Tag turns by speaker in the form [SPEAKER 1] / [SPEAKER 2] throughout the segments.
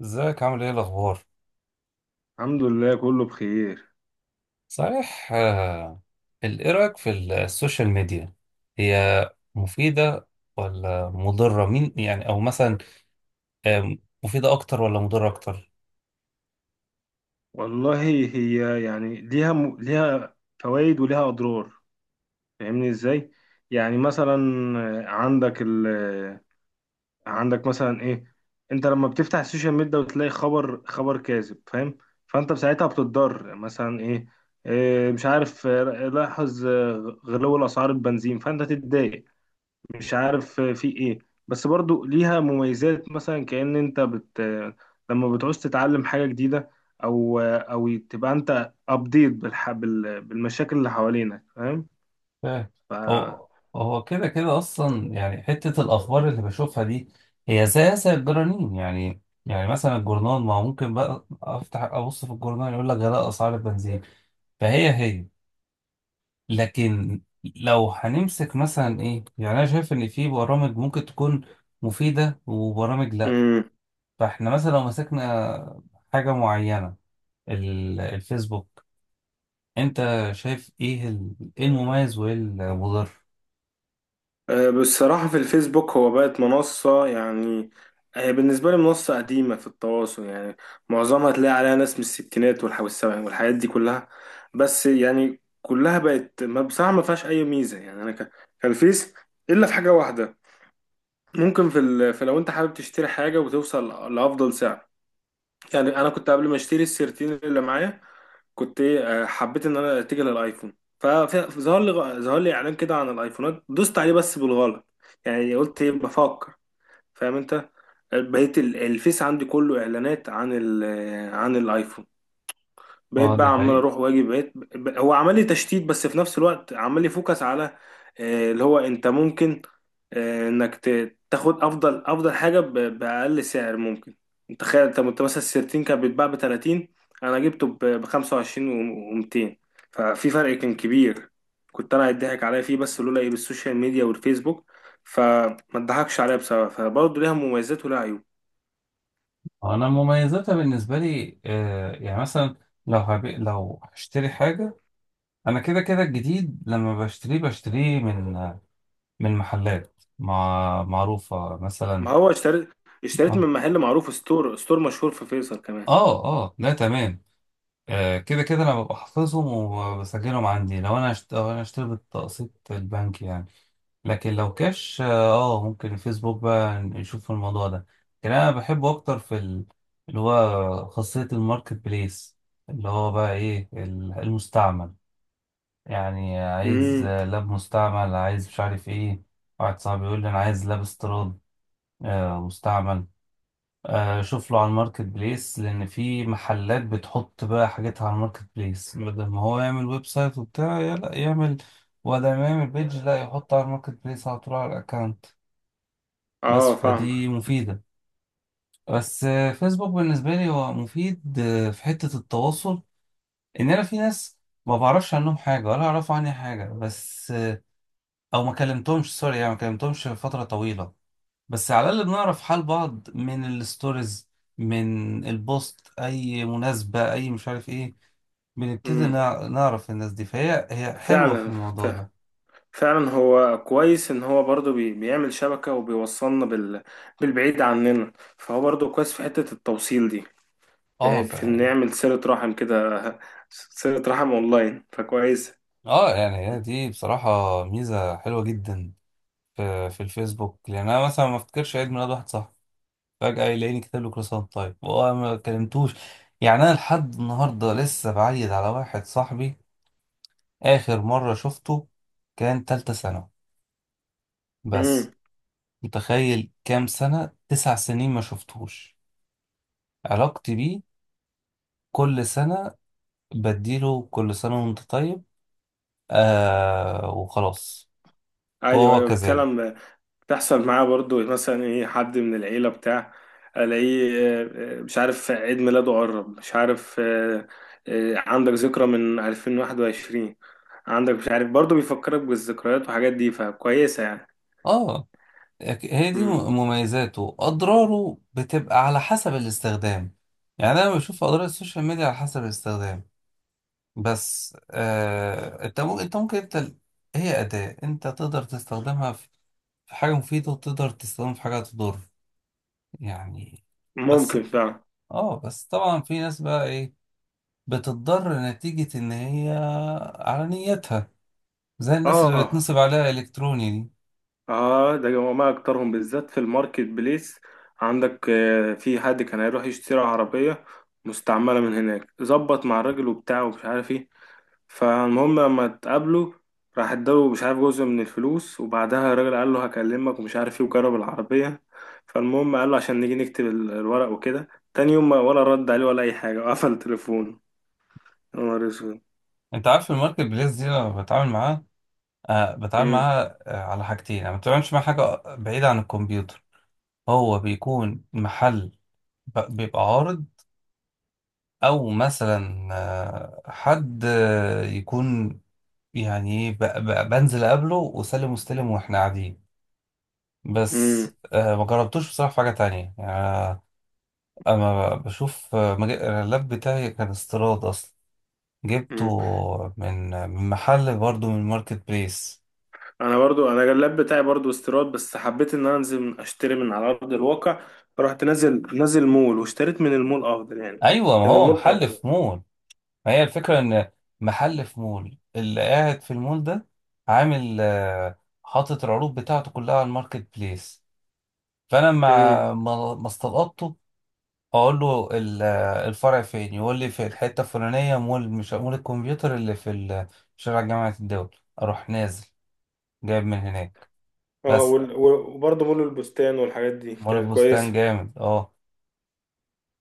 [SPEAKER 1] ازيك، عامل ايه، الاخبار؟
[SPEAKER 2] الحمد لله، كله بخير.
[SPEAKER 1] صحيح. ايه رايك في السوشيال ميديا؟ هي مفيده ولا مضره؟ مين يعني، او مثلا، آم، مفيده اكتر ولا مضره اكتر؟
[SPEAKER 2] والله، هي يعني ليها فوائد وليها أضرار. فاهمني ازاي؟ يعني مثلا، عندك ال... آه، عندك مثلا ايه؟ انت لما بتفتح السوشيال ميديا وتلاقي خبر كاذب، فاهم؟ فانت ساعتها بتتضرر، مثلا ايه؟ إيه، مش عارف. لاحظ غلو الأسعار، البنزين، فانت تتضايق. مش عارف في ايه. بس برضو ليها مميزات، مثلا كأن انت بت لما بتعوز تتعلم حاجة جديدة، او تبقى انت ابديت بالمشاكل اللي حوالينك، فاهم؟
[SPEAKER 1] فاهم.
[SPEAKER 2] ف...
[SPEAKER 1] هو هو كده كده اصلا، يعني حته الاخبار اللي بشوفها دي هي زيها زي الجرانين. يعني مثلا الجورنال، ما هو ممكن بقى افتح ابص في الجورنال يقول لك غلاء اسعار البنزين. فهي لكن، لو هنمسك مثلا ايه، يعني انا شايف ان في برامج ممكن تكون مفيدة وبرامج لا.
[SPEAKER 2] امم
[SPEAKER 1] فاحنا مثلا لو مسكنا حاجة معينة، الفيسبوك، انت شايف ايه ايه المميز وايه المضر؟
[SPEAKER 2] بصراحة في الفيسبوك هو بقت منصة يعني. هي بالنسبة لي منصة قديمة في التواصل يعني. معظمها تلاقي عليها ناس من الستينات والسبعينات والحاجات دي كلها. بس يعني كلها بقت، ما بصراحة ما فيهاش أي ميزة يعني. كان الفيس، إلا في حاجة واحدة. ممكن في، لو انت حابب تشتري حاجة وتوصل لأفضل سعر. يعني أنا كنت قبل ما اشتري السيرتين اللي معايا، كنت ايه، حبيت إن أنا أتجه للآيفون. ظهر لي إعلان كده عن الآيفونات، دوست عليه بس بالغلط. يعني قلت ايه بفكر، فاهم انت؟ بقيت الفيس عندي كله إعلانات عن ال... آه، عن الآيفون. بقيت
[SPEAKER 1] اه
[SPEAKER 2] بقى
[SPEAKER 1] دي
[SPEAKER 2] عمال
[SPEAKER 1] حقيقة.
[SPEAKER 2] اروح واجي. هو عمل لي تشتيت، بس في نفس الوقت عمال لي فوكس على اللي هو انت ممكن، انك تاخد افضل افضل حاجه باقل سعر ممكن. انت تخيل، أنت مثلا السيرتين كان بيتباع ب 30، انا جبته ب 25 و200. ففي فرق كان كبير. كنت انا هيضحك عليا فيه، بس لولا ايه، بالسوشيال ميديا والفيسبوك، فما اتضحكش عليا بسبب. فبرضه ليها مميزات ولها عيوب.
[SPEAKER 1] انا مميزاتها بالنسبة لي يعني مثلا، لو هشتري حاجة، انا كده كده الجديد لما بشتريه بشتريه من محلات معروفة مثلا.
[SPEAKER 2] ما هو اشتريت، اشتريت
[SPEAKER 1] اه،
[SPEAKER 2] من محل معروف، ستور مشهور في فيصل كمان.
[SPEAKER 1] اه، اه لا تمام. كده كده انا ببقى حافظهم وبسجلهم عندي لو لو انا اشتري بالتقسيط البنكي، يعني. لكن لو كاش، اه. ممكن الفيسبوك بقى نشوف الموضوع ده. لكن انا بحبه اكتر في اللي هو خاصية الماركت بليس، اللي هو بقى ايه المستعمل. يعني عايز
[SPEAKER 2] امم
[SPEAKER 1] لاب مستعمل، عايز مش عارف ايه. واحد صاحبي يقول لي انا عايز لاب استيراد، مستعمل، شوف له على الماركت بليس، لان في محلات بتحط بقى حاجتها على الماركت بليس بدل ما هو يعمل ويب سايت وبتاع، يا لا يعمل ولا ما يعمل بيج، لا يحط على الماركت بليس على طول على الاكونت.
[SPEAKER 2] اه،
[SPEAKER 1] بس
[SPEAKER 2] فاهمك.
[SPEAKER 1] فدي مفيدة. بس فيسبوك بالنسبة لي هو مفيد في حتة التواصل. ان انا في ناس ما بعرفش عنهم حاجة ولا اعرف عني حاجة، بس او ما كلمتهمش، سوري يعني، ما كلمتهمش فترة طويلة. بس على الأقل بنعرف حال بعض من الستوريز، من البوست، أي مناسبة، أي مش عارف إيه. بنبتدي
[SPEAKER 2] امم
[SPEAKER 1] نعرف الناس دي، فهي حلوة في
[SPEAKER 2] فعلا،
[SPEAKER 1] الموضوع
[SPEAKER 2] فعلا،
[SPEAKER 1] ده.
[SPEAKER 2] فعلا. هو كويس ان هو برضو بيعمل شبكة وبيوصلنا بال... بالبعيد عننا. فهو برضو كويس في حتة التوصيل دي،
[SPEAKER 1] اه
[SPEAKER 2] في ان نعمل صلة رحم كده، صلة رحم اونلاين، فكويس.
[SPEAKER 1] اه يعني هي دي بصراحة ميزة حلوة جدا في، في الفيسبوك، لأن أنا مثلا ما افتكرش عيد ميلاد واحد صاحبي، فجأة يلاقيني كاتب له كروسانت، طيب هو ما كلمتوش يعني. أنا لحد النهاردة لسه بعيد على واحد صاحبي، آخر مرة شفته كان تالتة ثانوي بس.
[SPEAKER 2] امم
[SPEAKER 1] متخيل كام سنة؟ 9 سنين ما شفتوش، علاقتي بيه كل سنة بديله كل سنة وانت طيب. آه وخلاص،
[SPEAKER 2] ايوه،
[SPEAKER 1] وهو
[SPEAKER 2] ايوه،
[SPEAKER 1] كذلك.
[SPEAKER 2] فعلا. تحصل معاه برضو مثلا ايه، حد من العيلة بتاع، الاقيه. مش عارف عيد ميلاده قرب، مش عارف. عندك ذكرى من 2021، عندك مش عارف، برضو بيفكرك بالذكريات والحاجات دي، فكويسة يعني.
[SPEAKER 1] اه هي دي
[SPEAKER 2] مم.
[SPEAKER 1] مميزاته، أضراره بتبقى على حسب الاستخدام. يعني أنا بشوف أضرار السوشيال ميديا على حسب الاستخدام. بس آه، أنت ممكن أنت هي أداة، أنت تقدر تستخدمها في حاجة مفيدة وتقدر تستخدمها في حاجة تضر، يعني. بس
[SPEAKER 2] ممكن فعلا.
[SPEAKER 1] اه، بس طبعا في ناس بقى ايه بتتضر نتيجة ان هي على نيتها، زي الناس اللي
[SPEAKER 2] اه،
[SPEAKER 1] بتنصب عليها الكتروني دي.
[SPEAKER 2] اه، ده جماعة اكترهم بالذات في الماركت بليس. عندك في حد كان هيروح يشتري عربية مستعملة من هناك، ظبط مع الراجل وبتاع ومش عارف ايه. فالمهم لما اتقابلوا، راح اداله مش عارف جزء من الفلوس، وبعدها الراجل قال له هكلمك ومش عارف ايه وجرب العربية. فالمهم قال له عشان نيجي نكتب الورق وكده. تاني يوم ولا رد عليه ولا أي حاجة، وقفل تليفونه. يا نهار أسود.
[SPEAKER 1] انت عارف الماركت بليس دي لما بتعامل معاه، آه بتعامل
[SPEAKER 2] أمم،
[SPEAKER 1] معاه آه على حاجتين، انا ما بتعاملش مع حاجة بعيدة عن الكمبيوتر. هو بيكون محل، بيبقى عارض، او مثلا آه حد يكون، يعني إيه، بنزل قبله وسلم واستلم واحنا قاعدين. بس
[SPEAKER 2] أمم،
[SPEAKER 1] آه ما جربتوش بصراحة في حاجة تانية، يعني. انا بشوف اللاب بتاعي كان استيراد اصلا، جبته
[SPEAKER 2] أمأم.
[SPEAKER 1] من محل برضه من ماركت بليس.
[SPEAKER 2] أنا برضو، أنا اللاب بتاعي برضو استيراد، بس حبيت إن أنا أنزل أشتري من على أرض الواقع. رحت نازل، مول واشتريت من المول، أفضل يعني.
[SPEAKER 1] ايوه، ما
[SPEAKER 2] كان
[SPEAKER 1] هو
[SPEAKER 2] المول
[SPEAKER 1] محل
[SPEAKER 2] أفضل.
[SPEAKER 1] في مول. ما هي الفكره ان محل في مول، اللي قاعد في المول ده عامل حاطط العروض بتاعته كلها على الماركت بليس. فانا
[SPEAKER 2] أمم.
[SPEAKER 1] مع ما استلقطته اقول له الفرع فين، يقول لي في الحته الفلانيه، مول، مش مول الكمبيوتر اللي في شارع جامعه الدول. اروح نازل جايب من هناك.
[SPEAKER 2] اه
[SPEAKER 1] بس
[SPEAKER 2] وبرضه مول البستان والحاجات دي
[SPEAKER 1] مول
[SPEAKER 2] كانت كويسة.
[SPEAKER 1] البستان جامد اه.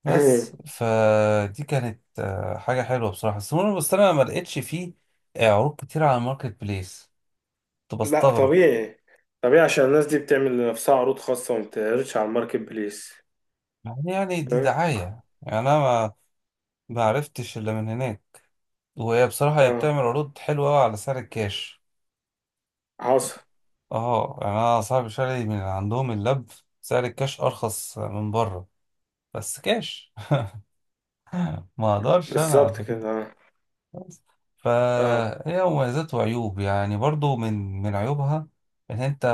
[SPEAKER 1] بس فدي كانت حاجة حلوة بصراحة. بس مول البستان أنا ما لقيتش فيه عروض كتير على الماركت بليس. كنت
[SPEAKER 2] لا،
[SPEAKER 1] بستغرب،
[SPEAKER 2] طبيعي، طبيعي عشان الناس دي بتعمل لنفسها عروض خاصة وما بتعرضش على الماركت بليس.
[SPEAKER 1] يعني دي دعاية.
[SPEAKER 2] تمام؟
[SPEAKER 1] يعني أنا ما عرفتش إلا من هناك. وهي بصراحة هي
[SPEAKER 2] اه،
[SPEAKER 1] بتعمل عروض حلوة أوي على سعر الكاش.
[SPEAKER 2] حصل.
[SPEAKER 1] اه، يعني أنا صاحب شاري من عندهم اللب، سعر الكاش أرخص من بره، بس كاش. ما أقدرش أنا.
[SPEAKER 2] بالظبط كده، اه.
[SPEAKER 1] بس.
[SPEAKER 2] اه،
[SPEAKER 1] فهي مميزات وعيوب يعني، برضو من عيوبها ان انت،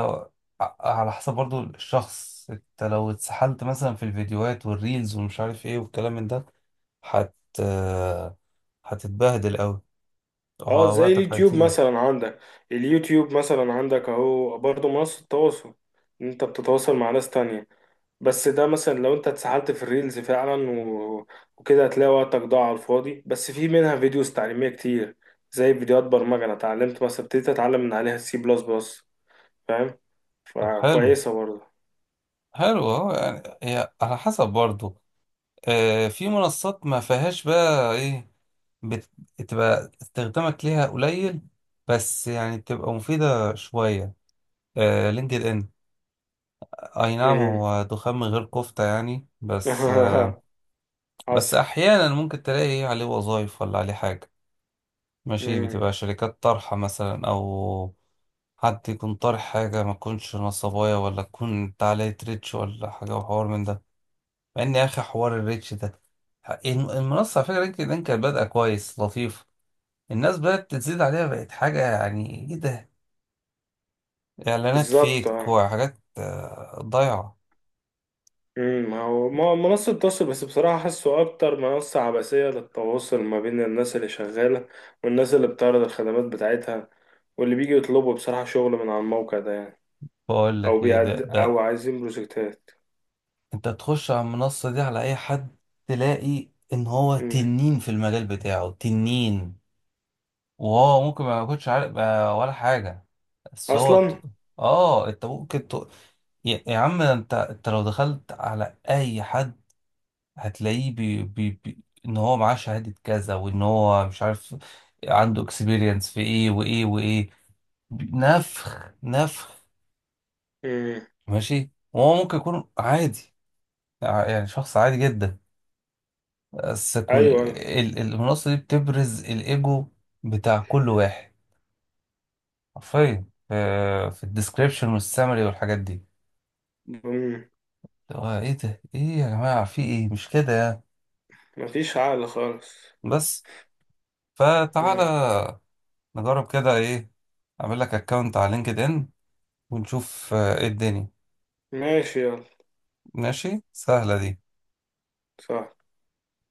[SPEAKER 1] على حسب برضو الشخص، انت لو اتسحلت مثلا في الفيديوهات والريلز ومش عارف ايه والكلام من ده، هت هتتبهدل قوي،
[SPEAKER 2] اه، زي
[SPEAKER 1] وقتك
[SPEAKER 2] اليوتيوب
[SPEAKER 1] هيطير.
[SPEAKER 2] مثلا عندك، اليوتيوب مثلا عندك اهو برضه منصة تواصل. إن انت بتتواصل مع ناس تانية. بس ده مثلا لو انت اتسحلت في الريلز فعلا و... وكده، هتلاقي وقتك ضاع على الفاضي. بس في منها فيديوز تعليمية كتير، زي فيديوهات برمجة. انا اتعلمت مثلا، ابتديت اتعلم من عليها السي بلس بلس، فاهم؟
[SPEAKER 1] طب حلو،
[SPEAKER 2] فكويسة برضه.
[SPEAKER 1] حلو اهو، يعني هي على حسب برضو. آه، في منصات ما فيهاش بقى ايه، بت- بتبقى استخدامك ليها قليل، بس يعني بتبقى مفيدة شوية. آه لينكد ان، اي نعم،
[SPEAKER 2] مم.
[SPEAKER 1] هو دخان من غير كفتة، يعني بس. بس
[SPEAKER 2] حصل.
[SPEAKER 1] احيانا ممكن تلاقي إيه عليه وظايف، ولا عليه حاجة ماشي،
[SPEAKER 2] مم.
[SPEAKER 1] بتبقى شركات طرحة مثلا، او حد يكون طارح حاجة، ما تكونش نصبايا، ولا تكون تعالى ريتش ولا حاجة وحوار من ده. مع ان يا اخي حوار الريتش ده، المنصة على فكرة لينكد ان كانت بادئة كويس لطيف، الناس بدأت تزيد عليها، بقت حاجة يعني ايه ده، اعلانات
[SPEAKER 2] بالظبط،
[SPEAKER 1] فيك
[SPEAKER 2] اه.
[SPEAKER 1] وحاجات ضايعة.
[SPEAKER 2] مم. ما هو منصة تواصل، بس بصراحة حاسه أكتر منصة عبثية للتواصل ما بين الناس اللي شغالة، والناس اللي بتعرض الخدمات بتاعتها، واللي بيجي يطلبوا بصراحة شغل من على الموقع ده يعني.
[SPEAKER 1] بقول
[SPEAKER 2] أو
[SPEAKER 1] لك ايه، ده
[SPEAKER 2] بيعد، أو
[SPEAKER 1] ده
[SPEAKER 2] عايزين بروجكتات.
[SPEAKER 1] انت تخش على المنصة دي على اي حد، تلاقي ان هو
[SPEAKER 2] مم.
[SPEAKER 1] تنين في المجال بتاعه، تنين. وهو ممكن ما يكونش عارف ولا حاجة. بس
[SPEAKER 2] أصلا.
[SPEAKER 1] اه انت ممكن يا عم انت، انت لو دخلت على اي حد هتلاقيه ان هو معاه شهادة كذا وان هو مش عارف، عنده اكسبيرينس في ايه وايه وايه، نفخ نفخ،
[SPEAKER 2] مم.
[SPEAKER 1] ماشي. وهو ممكن يكون عادي، يعني شخص عادي جدا. بس كل
[SPEAKER 2] أيوه، أيوه.
[SPEAKER 1] المنصة دي بتبرز الإيجو بتاع كل واحد، حرفيا، في الديسكريبشن والسامري والحاجات دي،
[SPEAKER 2] مم.
[SPEAKER 1] اللي هو ايه ده، ايه يا جماعة، في ايه، مش كده يعني.
[SPEAKER 2] مفيش عقل خالص.
[SPEAKER 1] بس فتعالى
[SPEAKER 2] مم.
[SPEAKER 1] نجرب كده ايه، اعمل لك اكونت على لينكد ان، ونشوف ايه الدنيا.
[SPEAKER 2] ماشي، يلا.
[SPEAKER 1] ماشي، سهلة دي.
[SPEAKER 2] صح.